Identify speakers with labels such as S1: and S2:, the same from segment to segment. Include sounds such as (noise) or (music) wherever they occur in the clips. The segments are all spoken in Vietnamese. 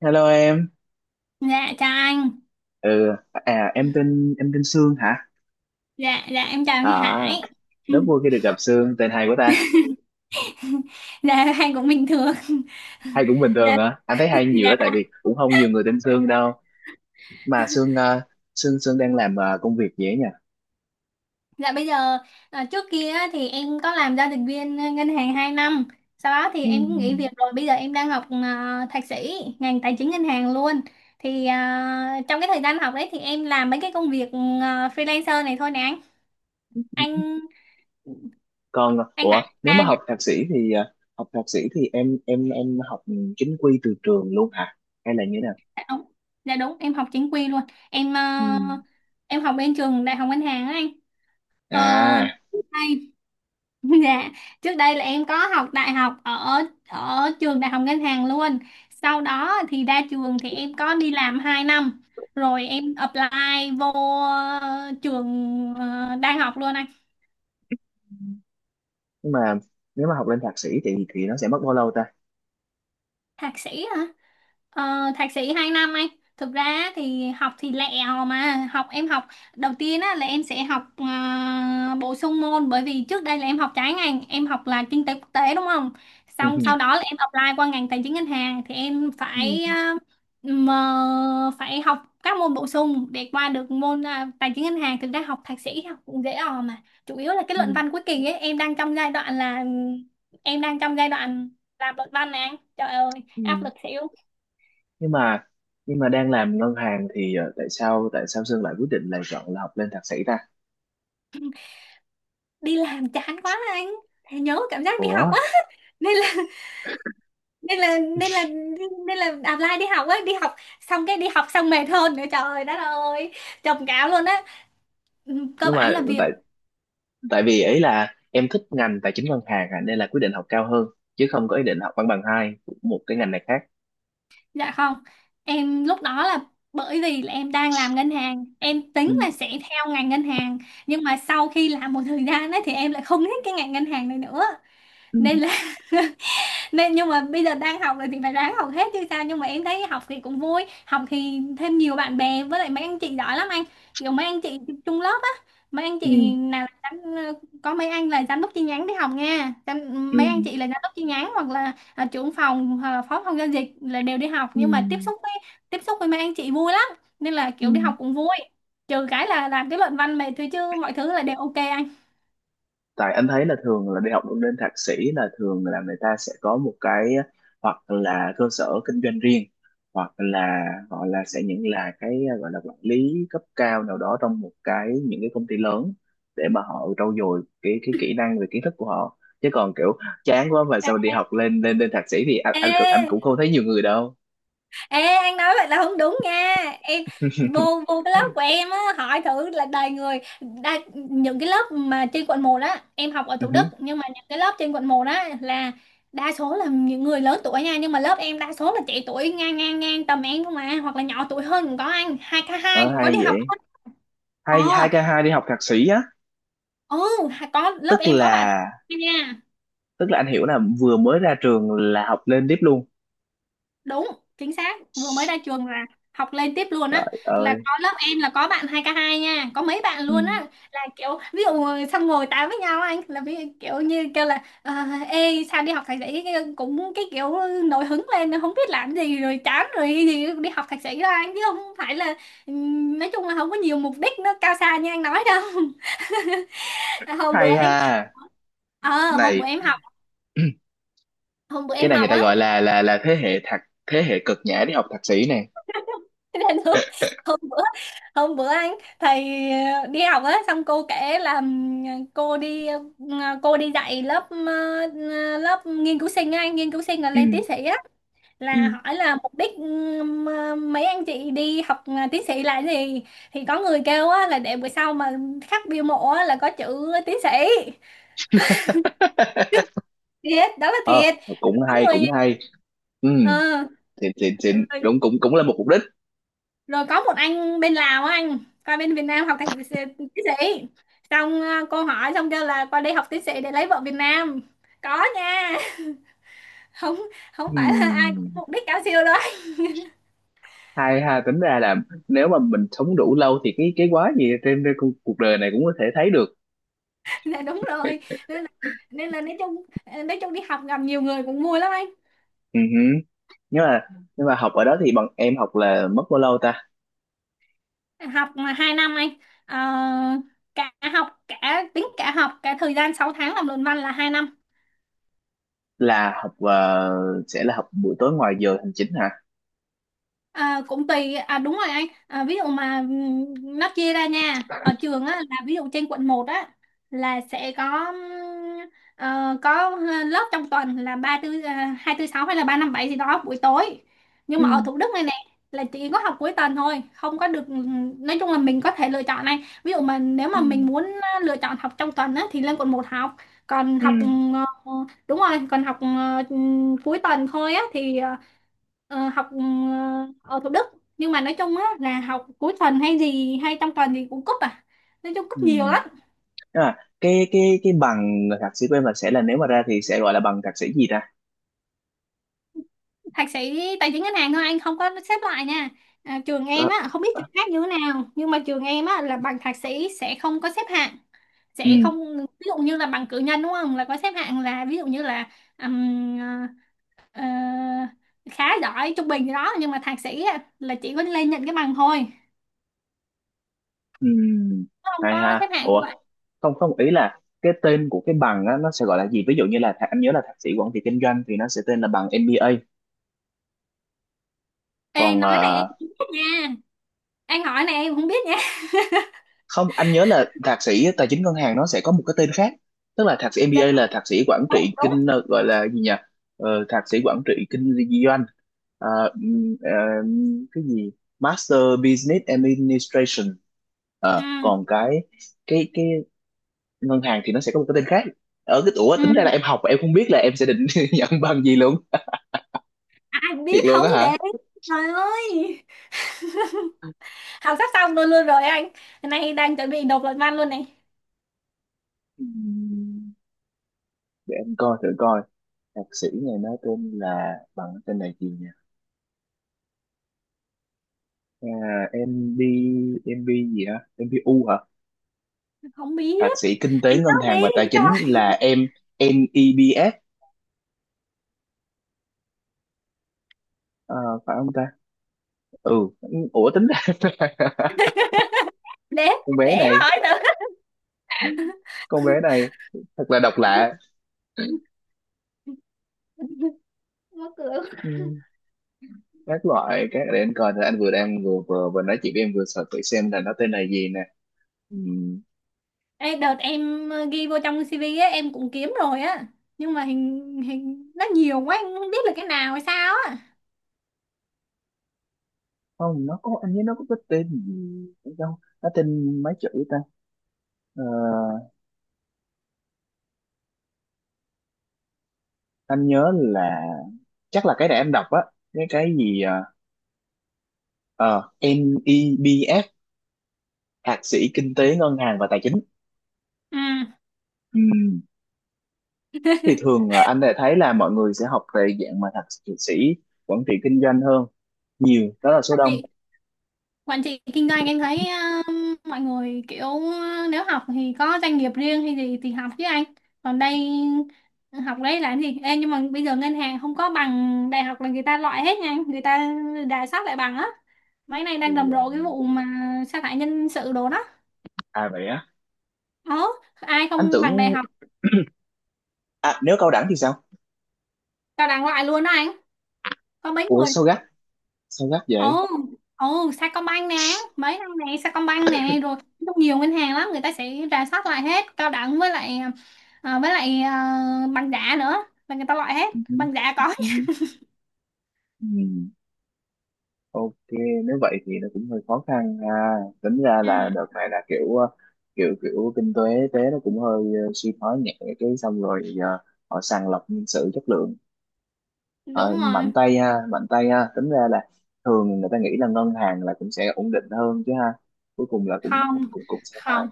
S1: Hello em.
S2: Dạ chào anh.
S1: Ừ, à em tên Sương hả?
S2: Dạ dạ em chào anh
S1: À,
S2: Hải.
S1: rất vui khi
S2: (laughs)
S1: được gặp Sương, tên hay của ta.
S2: Dạ anh cũng bình thường.
S1: Hay cũng
S2: (laughs)
S1: bình thường
S2: Dạ
S1: hả? Anh thấy hay nhiều
S2: dạ.
S1: đó, tại vì cũng không nhiều người tên Sương đâu. Mà Sương, Sương đang làm công việc gì ấy nhỉ?
S2: Dạ bây giờ trước kia á, thì em có làm giao dịch viên ngân hàng 2 năm. Sau đó thì
S1: Ừ.
S2: em cũng nghỉ việc rồi. Bây giờ em đang học thạc sĩ ngành tài chính ngân hàng luôn. Thì trong cái thời gian học đấy thì em làm mấy cái công việc freelancer này thôi nè anh. Anh
S1: Còn
S2: anh Hải
S1: ủa, nếu mà
S2: dạ
S1: học thạc sĩ thì em học chính quy từ trường luôn hả? Hay là như thế nào?
S2: dạ đúng. Dạ đúng, em học chính quy luôn. Em
S1: Ừ.
S2: à, em học bên trường Đại học Ngân hàng á anh. Ờ,
S1: À.
S2: trước đây, (laughs) dạ, trước đây là em có học đại học ở ở trường đại học ngân hàng luôn. Sau đó thì ra trường thì em có đi làm 2 năm, rồi em apply vô trường đang học luôn anh,
S1: Ừ. Nhưng mà nếu mà học lên thạc sĩ thì nó sẽ mất bao lâu ta?
S2: thạc sĩ hả? Ờ, thạc sĩ 2 năm anh thực ra thì học thì lẹ hò mà học em học đầu tiên á, là em sẽ học bổ sung môn bởi vì trước đây là em học trái ngành em học là kinh tế quốc tế đúng không xong sau đó
S1: (laughs)
S2: là em apply qua ngành tài chính ngân hàng thì em phải
S1: Ừ.
S2: mà phải học các môn bổ sung để qua được môn tài chính ngân hàng thực ra học thạc sĩ học cũng dễ ò mà chủ yếu là cái luận
S1: Ừ.
S2: văn cuối kỳ ấy em đang trong giai đoạn là em đang trong giai đoạn làm luận văn nè anh. Trời ơi áp
S1: Ừ.
S2: lực xỉu
S1: nhưng mà nhưng mà đang làm ngân hàng thì tại sao Sơn lại quyết định là chọn là học lên thạc sĩ ta?
S2: đi làm chán quá anh thầy nhớ cảm giác đi
S1: Ủa,
S2: học á nên là nên là nên là nên là apply đi học á đi học xong cái đi học xong mệt hơn nữa trời đất ơi trầm cảm luôn á. Ừ, cơ
S1: nhưng
S2: bản
S1: mà
S2: là việc
S1: tại tại vì ấy là em thích ngành tài chính ngân hàng à, nên là quyết định học cao hơn, chứ không có ý định học văn bằng hai của một cái ngành này khác.
S2: dạ không em lúc đó là bởi vì là em đang làm ngân hàng em
S1: Ừ,
S2: tính là sẽ theo ngành ngân hàng nhưng mà sau khi làm một thời gian ấy, thì em lại không thích cái ngành ngân hàng này nữa
S1: ừ,
S2: nên là (laughs) nên nhưng mà bây giờ đang học rồi thì phải ráng học hết chứ sao nhưng mà em thấy học thì cũng vui học thì thêm nhiều bạn bè với lại mấy anh chị giỏi lắm anh kiểu mấy anh chị chung lớp á mấy anh
S1: ừ,
S2: chị nào là có mấy anh là giám đốc chi nhánh đi học nha
S1: ừ,
S2: mấy anh chị là giám đốc chi nhánh hoặc là trưởng phòng hoặc là phó phòng giao dịch là đều đi học
S1: ừ,
S2: nhưng mà tiếp xúc với mấy anh chị vui lắm nên là
S1: ừ.
S2: kiểu đi học cũng vui trừ cái là làm cái luận văn mệt thôi chứ mọi thứ là đều ok anh.
S1: Tại anh thấy là thường là đi học lên thạc sĩ là thường là người ta sẽ có một cái, hoặc là cơ sở kinh doanh riêng, hoặc là gọi là sẽ những là cái gọi là quản lý cấp cao nào đó trong một cái những cái công ty lớn, để mà họ trau dồi cái kỹ năng về kiến thức của họ, chứ còn kiểu chán quá mà sao đi học lên lên lên thạc sĩ thì anh
S2: Ê
S1: anh cũng- anh cũng không thấy nhiều người đâu.
S2: ê, anh nói vậy là không đúng nha. Em vô
S1: (laughs)
S2: vô cái lớp của em á, hỏi thử là đầy người đa, những cái lớp mà trên Quận 1 á, em học ở
S1: Ừ,
S2: Thủ Đức
S1: hứ.
S2: nhưng mà những cái lớp trên Quận 1 á là đa số là những người lớn tuổi nha, nhưng mà lớp em đa số là trẻ tuổi ngang ngang ngang tầm em không à, hoặc là nhỏ tuổi hơn cũng có anh, 2K2
S1: Ờ,
S2: cũng có
S1: hay
S2: đi học
S1: vậy,
S2: luôn. Ờ,
S1: hay 2k2 đi học thạc sĩ á?
S2: ừ, có lớp
S1: tức
S2: em có bạn
S1: là
S2: nha.
S1: tức là anh hiểu là vừa mới ra trường là học lên tiếp luôn.
S2: Đúng chính xác vừa mới ra trường là học lên tiếp luôn á
S1: Trời
S2: là
S1: ơi.
S2: có lớp em là có bạn 2K2 nha có mấy bạn
S1: Ừ.
S2: luôn á là kiểu ví dụ xong ngồi tám với nhau anh là ví dụ kiểu như kêu là ê sao đi học thạc sĩ cũng cái kiểu nổi hứng lên không biết làm gì rồi chán rồi thì đi học thạc sĩ đó anh chứ không phải là nói chung là không có nhiều mục đích nó cao xa như anh nói đâu. (laughs) À,
S1: Hay ha.
S2: ờ hôm bữa
S1: Này.
S2: em học
S1: (clears throat)
S2: hôm bữa
S1: Cái
S2: em
S1: này người
S2: học
S1: ta
S2: á.
S1: gọi là thế hệ cực nhã đi học thạc sĩ này.
S2: Thế nên hôm, hôm bữa hôm bữa anh thầy đi học á xong cô kể là cô đi ờ, cô đi dạy lớp lớp nghiên cứu sinh á, anh nghiên cứu sinh là
S1: Ừ.
S2: lên tiến sĩ á là
S1: Ừ.
S2: hỏi là mục đích mấy anh chị đi học tiến sĩ là gì thì có người kêu á là để bữa sau mà khắc bia mộ á là có chữ tiến sĩ thiệt đó là
S1: Ờ,
S2: thiệt
S1: cũng
S2: có
S1: hay
S2: người
S1: cũng hay. Ừ,
S2: ờ,
S1: xịn xịn xịn,
S2: rồi
S1: đúng, cũng cũng là một mục đích.
S2: rồi có một anh bên Lào á anh qua bên Việt Nam học thạc sĩ tiến sĩ xong cô hỏi xong kêu là qua đây học tiến sĩ để lấy vợ Việt Nam có nha. (laughs) Không
S1: Ừ.
S2: không phải là ai cũng mục đích cao siêu đâu.
S1: Hay ha. Tính ra là nếu mà mình sống đủ lâu thì cái quá gì trên cái cuộc đời này cũng có thể thấy được.
S2: (laughs) Là đúng rồi nên là, nên là nói chung nói chung đi học gặp nhiều người cũng vui lắm anh.
S1: Ừ. Hử. nhưng mà nhưng mà học ở đó thì bọn em học là mất bao lâu ta?
S2: học mà 2 năm anh. Ờ, cả học cả tính cả học cả thời gian 6 tháng làm luận văn là 2 năm.
S1: là học ờ, sẽ là học buổi tối ngoài giờ hành chính hả?
S2: Cũng tùy à đúng rồi anh à, ví dụ mà nó chia ra nha ở trường á là ví dụ trên quận một á là sẽ có có lớp trong tuần là ba tư hai tư sáu hay là ba năm bảy gì đó buổi tối nhưng
S1: Ừ.
S2: mà ở Thủ Đức này nè là chỉ có học cuối tuần thôi không có được nói chung là mình có thể lựa chọn này ví dụ mà nếu
S1: Ừ.
S2: mà mình muốn lựa chọn học trong tuần á thì lên Quận 1 học còn
S1: Ừ.
S2: học ờ, ờ, đúng rồi còn học cuối tuần thôi á thì học ở Thủ Đức nhưng mà nói chung á là học cuối tuần hay gì hay trong tuần thì cũng cúp à nói chung
S1: Ừ.
S2: cúp nhiều lắm.
S1: Tức là cái cái bằng thạc sĩ của em là sẽ là, nếu mà ra thì sẽ gọi là bằng thạc sĩ gì ta?
S2: Thạc sĩ tài chính ngân hàng thôi anh không có xếp loại nha trường
S1: Ờ,
S2: em á không biết
S1: ờ,
S2: trường khác như thế nào nhưng mà trường em á là bằng thạc sĩ sẽ không có xếp hạng
S1: ừ,
S2: sẽ không ví dụ như là bằng cử nhân đúng không là có xếp hạng là ví dụ như là ừm, ờ, ờ, khá giỏi trung bình gì đó nhưng mà thạc sĩ á, là chỉ có lên nhận cái bằng thôi
S1: ừ.
S2: không
S1: Hay
S2: có xếp
S1: ha.
S2: hạng như
S1: Ủa,
S2: vậy.
S1: không, không, ý là cái tên của cái bằng á, nó sẽ gọi là gì, ví dụ như là thạc- anh nhớ là thạc sĩ quản trị kinh doanh thì nó sẽ tên là bằng MBA.
S2: Ê
S1: Còn
S2: nói này em nha anh hỏi này em không biết nha.
S1: không, anh nhớ là thạc sĩ tài chính ngân hàng nó sẽ có một cái tên khác. Tức là thạc sĩ
S2: Dạ
S1: MBA là thạc sĩ quản
S2: đúng
S1: trị
S2: đúng
S1: kinh gọi là gì nhỉ, thạc sĩ quản trị kinh doanh. Ờ, cái gì, Master Business Administration.
S2: ừ.
S1: Ờ, còn cái cái ngân hàng thì nó sẽ có một cái tên khác. Ở cái tuổi
S2: Ừ.
S1: tính ra là em học mà em không biết là em sẽ định (laughs) nhận bằng gì luôn.
S2: Ai
S1: Thiệt
S2: biết
S1: luôn
S2: không
S1: á hả?
S2: đấy trời ơi. (laughs) Học sắp xong luôn luôn rồi anh nay đang chuẩn bị nộp luận văn luôn này
S1: Ừm, để em coi thử coi, thạc sĩ này nó tên là bằng tên này gì nhỉ. À, em đi em đi gì hả? Em đi U hả?
S2: không biết
S1: Thạc sĩ kinh tế
S2: anh
S1: ngân
S2: nói
S1: hàng
S2: đi.
S1: và tài
S2: (laughs)
S1: chính
S2: Trời
S1: là em MEBS, à, phải không ta? Ừ, ủa tính ra (laughs)
S2: để
S1: con
S2: để
S1: bé
S2: em
S1: này,
S2: hỏi nữa
S1: con bé này thật là độc lạ.
S2: mở cửa.
S1: Ừ, Các loại các để anh coi, thì anh vừa nói chuyện với em vừa sợ thử xem là nó tên là gì nè. Ừ,
S2: (laughs) Ê, đợt em ghi vô trong CV á em cũng kiếm rồi á nhưng mà hình hình nó nhiều quá em không biết là cái nào hay sao á
S1: không nó có, anh nhớ nó có cái tên gì đâu, nó tên mấy chữ ta. Ờ, anh nhớ là chắc là cái để em đọc á, cái gì à, Ờ, MEBF, thạc sĩ kinh tế ngân hàng và tài chính.
S2: ừ.
S1: Ừ. Thì thường anh đã thấy là mọi người sẽ học về dạng mà thạc sĩ quản trị kinh doanh hơn, nhiều đó là số đông.
S2: Chị quản trị kinh doanh em thấy mọi người kiểu nếu học thì có doanh nghiệp riêng hay gì thì học chứ anh còn đây học đấy là cái gì. Ê, nhưng mà bây giờ ngân hàng không có bằng đại học là người ta loại hết nha anh. Người ta rà soát lại bằng á mấy nay
S1: Thì
S2: đang rầm
S1: ờ,
S2: rộ cái vụ mà sa thải nhân sự đồ đó
S1: à vậy á,
S2: ờ ai
S1: anh
S2: không bằng đại
S1: tưởng,
S2: học
S1: à, nếu cao đẳng thì sao?
S2: cao đẳng loại luôn đó anh có mấy
S1: Ủa
S2: người.
S1: sao gắt, sao gắt vậy?
S2: Ồ ồ Sacombank nè mấy năm này Sacombank nè rồi rất nhiều ngân hàng lắm người ta sẽ rà soát lại hết cao đẳng với lại với lại bằng giả nữa là người ta loại hết
S1: Ừ.
S2: bằng giả có.
S1: Ừ. Ừ, ok, nếu vậy thì nó cũng hơi khó khăn ha. Tính ra
S2: (laughs)
S1: là
S2: Ừ,
S1: đợt này là kiểu kiểu kiểu kinh tế tế nó cũng hơi suy thoái nhẹ, cái xong rồi giờ họ sàng lọc nhân sự chất lượng. Ờ,
S2: đúng rồi
S1: mạnh tay ha, mạnh tay ha, tính ra là thường người ta nghĩ là ngân hàng là cũng sẽ ổn định hơn chứ ha, cuối cùng là cũng
S2: không
S1: cũng cũng sẽ phải.
S2: không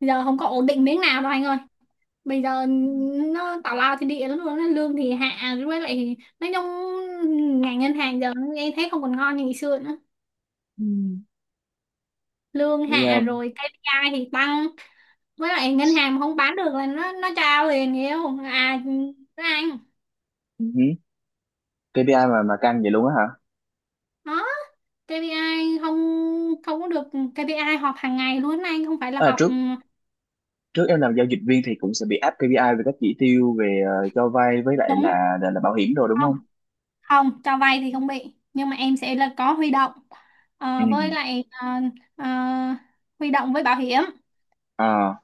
S2: giờ không có ổn định miếng nào đâu anh ơi bây giờ nó tào lao thì địa lắm luôn á, lương thì hạ với lại nói chung ngành ngân hàng giờ em thấy không còn ngon như ngày xưa nữa
S1: Ừ.
S2: lương
S1: Cái,
S2: hạ
S1: um,
S2: rồi KPI thì tăng với lại ngân hàng mà không bán được là nó trao liền hiểu à nó ăn
S1: ừ hứ. KPI mà căng vậy luôn á hả?
S2: đó KPI không không có được KPI họp hàng ngày luôn anh không phải là
S1: À,
S2: họp
S1: trước trước em làm giao dịch viên thì cũng sẽ bị áp KPI về các chỉ tiêu về cho vay với lại
S2: đúng
S1: là, bảo hiểm rồi đúng
S2: không
S1: không?
S2: không cho vay thì không bị nhưng mà em sẽ là có huy động.
S1: Ừ.
S2: Ờ, với lại ờ, ờ, huy động với bảo hiểm
S1: Ờ.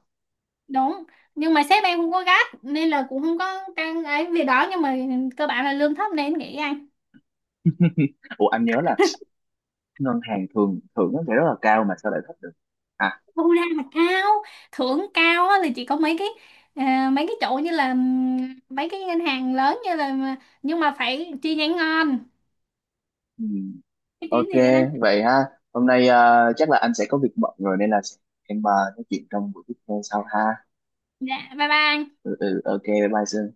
S2: đúng nhưng mà sếp em không có gắt nên là cũng không có căng ấy việc đó nhưng mà cơ bản là lương thấp nên nghĩ
S1: Ủa anh nhớ là ngân hàng thường thưởng nó sẽ rất là cao, mà sao lại thấp được. À.
S2: thu ra là cao thưởng cao á, là chỉ có mấy cái mấy cái chỗ như là mấy cái ngân hàng lớn như là nhưng mà phải chi nhánh ngon
S1: Ừ.
S2: cái tiếng
S1: Ok,
S2: gì đó.
S1: vậy ha. Hôm nay à, chắc là anh sẽ có việc bận rồi nên là em à, nói chuyện trong buổi tiếp theo sau ha.
S2: Dạ bye bye.
S1: Ừ, ừ, ok, bye bye Sương.